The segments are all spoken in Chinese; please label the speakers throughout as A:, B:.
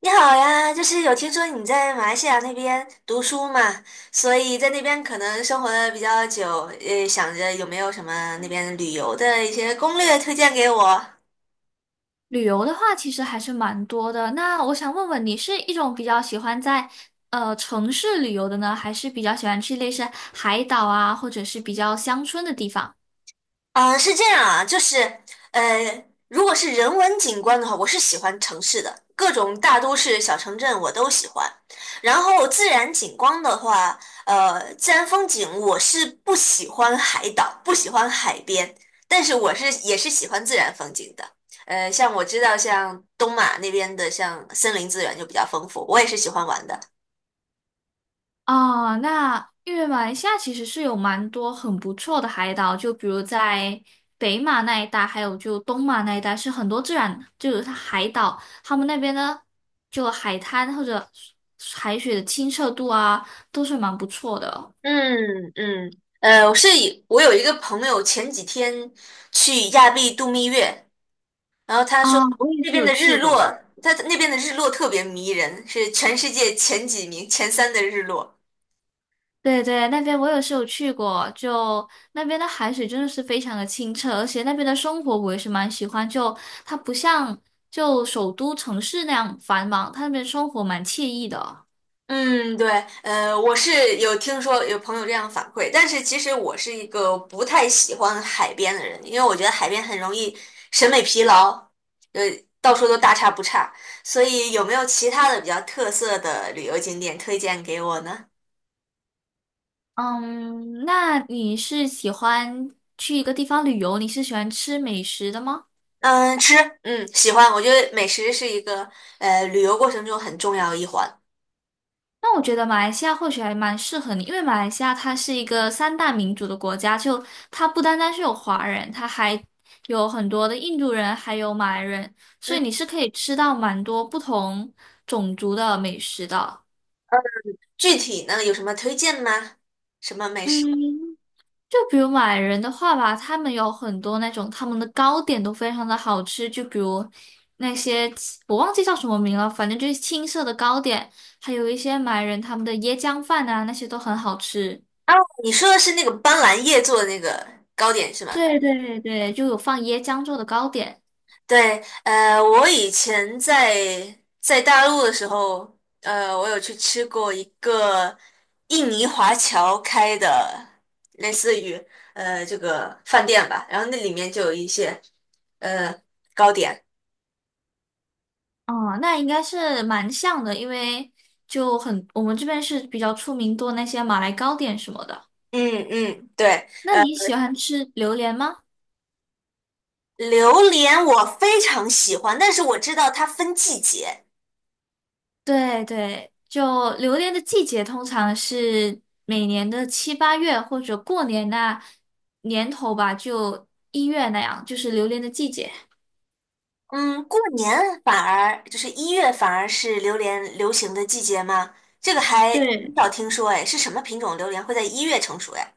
A: 你好呀，就是有听说你在马来西亚那边读书嘛，所以在那边可能生活的比较久，想着有没有什么那边旅游的一些攻略推荐给我？
B: 旅游的话，其实还是蛮多的。那我想问问你，是一种比较喜欢在城市旅游的呢，还是比较喜欢去类似海岛啊，或者是比较乡村的地方？
A: 啊，是这样啊，就是,如果是人文景观的话，我是喜欢城市的，各种大都市、小城镇我都喜欢。然后自然景观的话，自然风景我是不喜欢海岛，不喜欢海边，但是我是也是喜欢自然风景的。像我知道，像东马那边的，像森林资源就比较丰富，我也是喜欢玩的。
B: 哦，那因为马来西亚其实是有蛮多很不错的海岛，就比如在北马那一带，还有就东马那一带，是很多自然就是它海岛，他们那边呢就海滩或者海水的清澈度啊，都是蛮不错的
A: 嗯嗯，我是我有一个朋友前几天去亚庇度蜜月。然后他说
B: 啊，我也
A: 这
B: 是
A: 边
B: 有
A: 的
B: 去
A: 日落，
B: 过。
A: 他那边的日落特别迷人，是全世界前几名、前三的日落。
B: 对对，那边我也是有去过，就那边的海水真的是非常的清澈，而且那边的生活我也是蛮喜欢，就它不像就首都城市那样繁忙，它那边生活蛮惬意的哦。
A: 嗯，对，我是有听说有朋友这样反馈，但是其实我是一个不太喜欢海边的人，因为我觉得海边很容易审美疲劳，呃，到处都大差不差，所以有没有其他的比较特色的旅游景点推荐给我呢？
B: 嗯，那你是喜欢去一个地方旅游，你是喜欢吃美食的吗？
A: 嗯，吃，嗯，喜欢，我觉得美食是一个旅游过程中很重要的一环。
B: 那我觉得马来西亚或许还蛮适合你，因为马来西亚它是一个三大民族的国家，就它不单单是有华人，它还有很多的印度人，还有马来人，所
A: 嗯。
B: 以你是可以吃到蛮多不同种族的美食的。
A: 具体呢有什么推荐吗？什么美食？
B: 嗯，就比如马来人的话吧，他们有很多那种他们的糕点都非常的好吃，就比如那些我忘记叫什么名了，反正就是青色的糕点，还有一些马来人他们的椰浆饭啊，那些都很好吃。
A: 哦，你说的是那个斑斓叶做的那个糕点是吗？
B: 对对对，就有放椰浆做的糕点。
A: 对，我以前在大陆的时候，我有去吃过一个印尼华侨开的，类似于这个饭店吧，然后那里面就有一些呃糕点。
B: 哦、那应该是蛮像的，因为就很我们这边是比较出名做那些马来糕点什么的。
A: 嗯嗯，对，
B: 那你喜欢吃榴莲吗？
A: 榴莲我非常喜欢，但是我知道它分季节。
B: 对对，就榴莲的季节通常是每年的七八月或者过年那年头吧，就1月那样，就是榴莲的季节。
A: 嗯，过年反而就是一月，反而是榴莲流行的季节吗？这个还很
B: 对。
A: 少听说，哎，是什么品种榴莲会在一月成熟呀？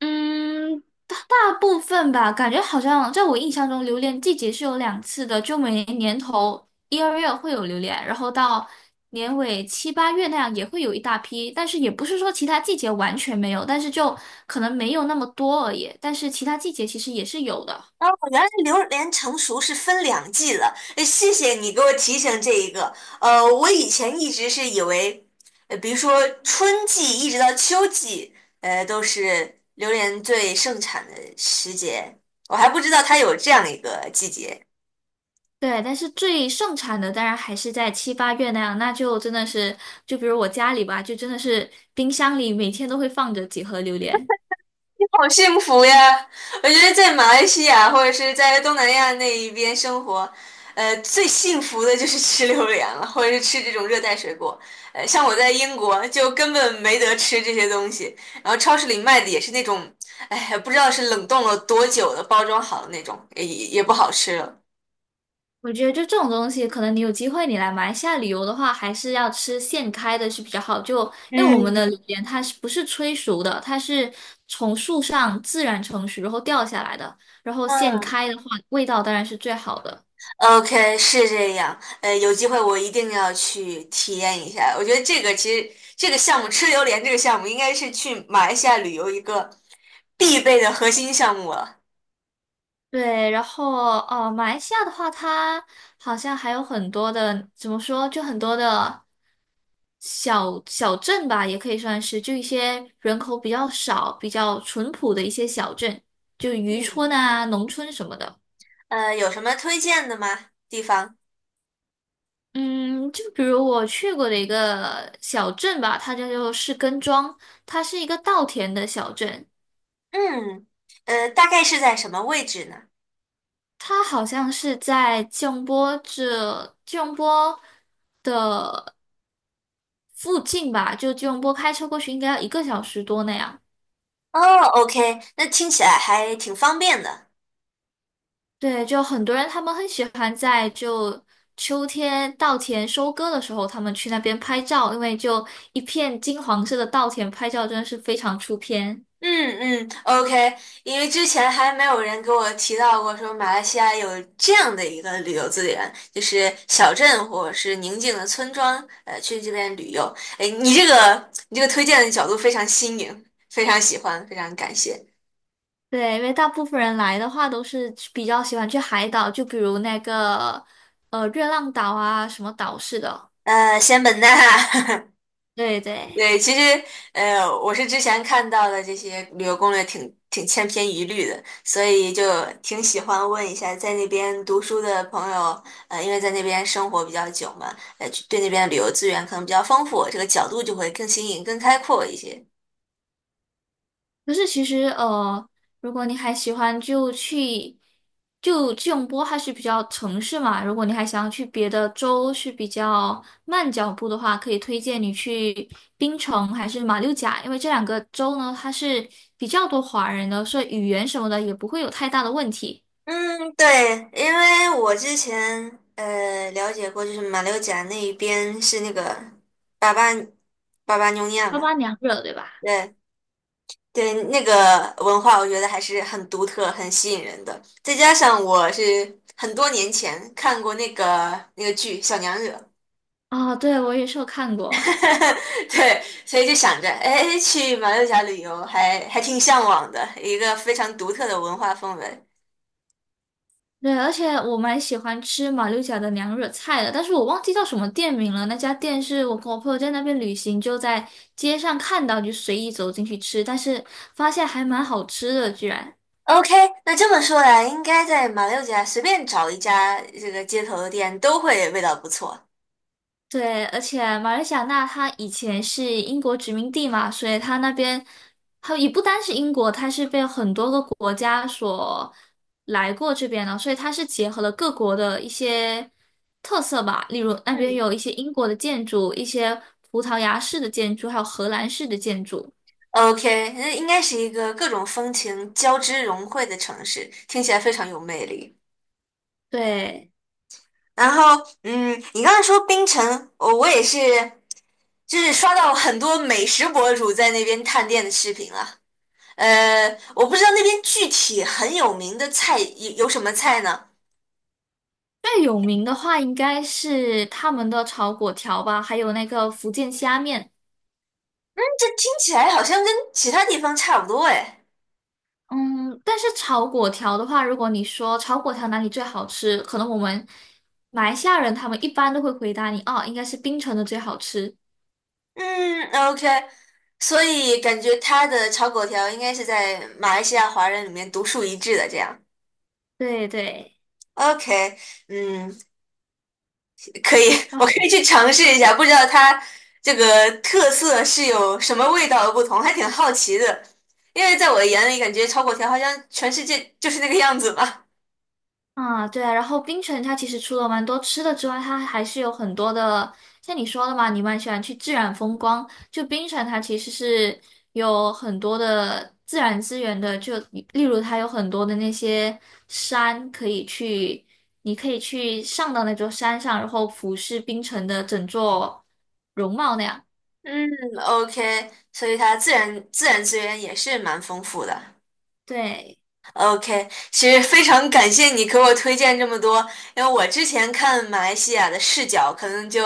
B: 嗯，大部分吧，感觉好像在我印象中，榴莲季节是有2次的，就每年年头1、2月会有榴莲，然后到年尾七八月那样也会有一大批，但是也不是说其他季节完全没有，但是就可能没有那么多而已，但是其他季节其实也是有的。
A: 哦，原来榴莲成熟是分两季了，哎谢谢你给我提醒这一个。我以前一直是以为，比如说春季一直到秋季，都是榴莲最盛产的时节，我还不知道它有这样一个季节。
B: 对，但是最盛产的当然还是在七八月那样，那就真的是，就比如我家里吧，就真的是冰箱里每天都会放着几盒榴莲。
A: 好幸福呀！我觉得在马来西亚或者是在东南亚那一边生活，最幸福的就是吃榴莲了，或者是吃这种热带水果。像我在英国就根本没得吃这些东西，然后超市里卖的也是那种，哎，不知道是冷冻了多久的，包装好的那种，也不好吃了。
B: 我觉得就这种东西，可能你有机会你来马来西亚旅游的话，还是要吃现开的是比较好。就因为我
A: 嗯，
B: 们的榴莲它是不是催熟的，它是从树上自然成熟然后掉下来的，然后现
A: 嗯。
B: 开的话，味道当然是最好的。
A: OK，是这样。有机会我一定要去体验一下。我觉得这个其实这个项目吃榴莲这个项目应该是去马来西亚旅游一个必备的核心项目了。
B: 对，然后哦，马来西亚的话，它好像还有很多的，怎么说，就很多的小镇吧，也可以算是，就一些人口比较少、比较淳朴的一些小镇，就渔村
A: 嗯，
B: 啊、农村什么的。
A: 有什么推荐的吗？地方？
B: 嗯，就比如我去过的一个小镇吧，它叫做士根庄，它是一个稻田的小镇，
A: 嗯，大概是在什么位置呢？
B: 它好像是在吉隆坡附近吧，就吉隆坡开车过去应该要1个小时多那样。
A: 哦，OK，那听起来还挺方便的。
B: 对，就很多人他们很喜欢在就秋天稻田收割的时候，他们去那边拍照，因为就一片金黄色的稻田拍照真的是非常出片。
A: 嗯嗯，OK，因为之前还没有人给我提到过说马来西亚有这样的一个旅游资源，就是小镇或者是宁静的村庄，去这边旅游。哎，你这个推荐的角度非常新颖，非常喜欢，非常感谢。
B: 对，因为大部分人来的话都是比较喜欢去海岛，就比如那个热浪岛啊什么岛似的。
A: 仙本那，
B: 对对。
A: 对，其实，我是之前看到的这些旅游攻略挺千篇一律的，所以就挺喜欢问一下在那边读书的朋友，因为在那边生活比较久嘛，对那边的旅游资源可能比较丰富，这个角度就会更新颖、更开阔一些。
B: 可是其实，如果你还喜欢就去，就吉隆坡它是比较城市嘛，如果你还想要去别的州是比较慢脚步的话，可以推荐你去槟城还是马六甲，因为这两个州呢，它是比较多华人的，所以语言什么的也不会有太大的问题。
A: 嗯，对，因为我之前了解过，就是马六甲那一边是那个巴巴巴巴妞亚
B: 八
A: 嘛，
B: 八娘热对吧？
A: 对，对，那个文化我觉得还是很独特、很吸引人的。再加上我是很多年前看过那个剧《小娘惹》，
B: 啊、对，我也是有看过。
A: 对，所以就想着，哎，去马六甲旅游还挺向往的，一个非常独特的文化氛围。
B: 对，而且我蛮喜欢吃马六甲的娘惹菜的，但是我忘记叫什么店名了。那家店是我跟我朋友在那边旅行，就在街上看到，就随意走进去吃，但是发现还蛮好吃的，居然。
A: OK，那这么说来，应该在马六甲随便找一家这个街头的店都会味道不错。
B: 对，而且马来西亚那它以前是英国殖民地嘛，所以它那边，它也不单是英国，它是被很多个国家所来过这边的，所以它是结合了各国的一些特色吧，例如那边
A: 嗯，
B: 有一些英国的建筑，一些葡萄牙式的建筑，还有荷兰式的建筑。
A: OK，那应该是一个各种风情交织融汇的城市，听起来非常有魅力。
B: 对，
A: 然后，嗯，你刚才说冰城，我也是，就是刷到很多美食博主在那边探店的视频了。呃，我不知道那边具体很有名的菜有什么菜呢？
B: 最有名的话应该是他们的炒粿条吧，还有那个福建虾面。
A: 这听起来好像跟其他地方差不多哎。
B: 嗯，但是炒粿条的话，如果你说炒粿条哪里最好吃，可能我们马来西亚人他们一般都会回答你，哦，应该是槟城的最好吃。
A: 嗯，OK，所以感觉他的炒粿条应该是在马来西亚华人里面独树一帜的这样。
B: 对对，
A: OK，嗯，可以，
B: 然
A: 我可
B: 后
A: 以去尝试一下，不知道它这个特色是有什么味道的不同，还挺好奇的。因为在我的眼里，感觉炒粿条好像全世界就是那个样子嘛。
B: 然后槟城它其实除了蛮多吃的之外，它还是有很多的，像你说的嘛，你蛮喜欢去自然风光。就槟城它其实是有很多的自然资源的，就例如它有很多的那些山可以去，你可以去上到那座山上，然后俯视槟城的整座容貌那样。
A: 嗯，OK，所以它自然资源也是蛮丰富的。
B: 对，
A: OK，其实非常感谢你给我推荐这么多，因为我之前看马来西亚的视角，可能就，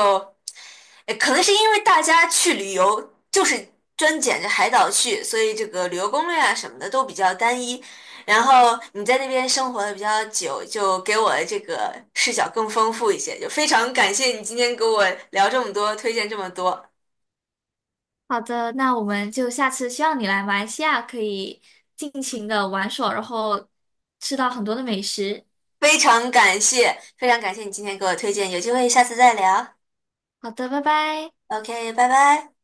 A: 可能是因为大家去旅游就是专捡着海岛去，所以这个旅游攻略啊什么的都比较单一。然后你在那边生活的比较久，就给我这个视角更丰富一些。就非常感谢你今天给我聊这么多，推荐这么多，
B: 好的，那我们就下次希望你来马来西亚可以尽情的玩耍，然后吃到很多的美食。
A: 非常感谢，非常感谢你今天给我推荐，有机会下次再聊。
B: 好的，拜拜。
A: OK，拜拜。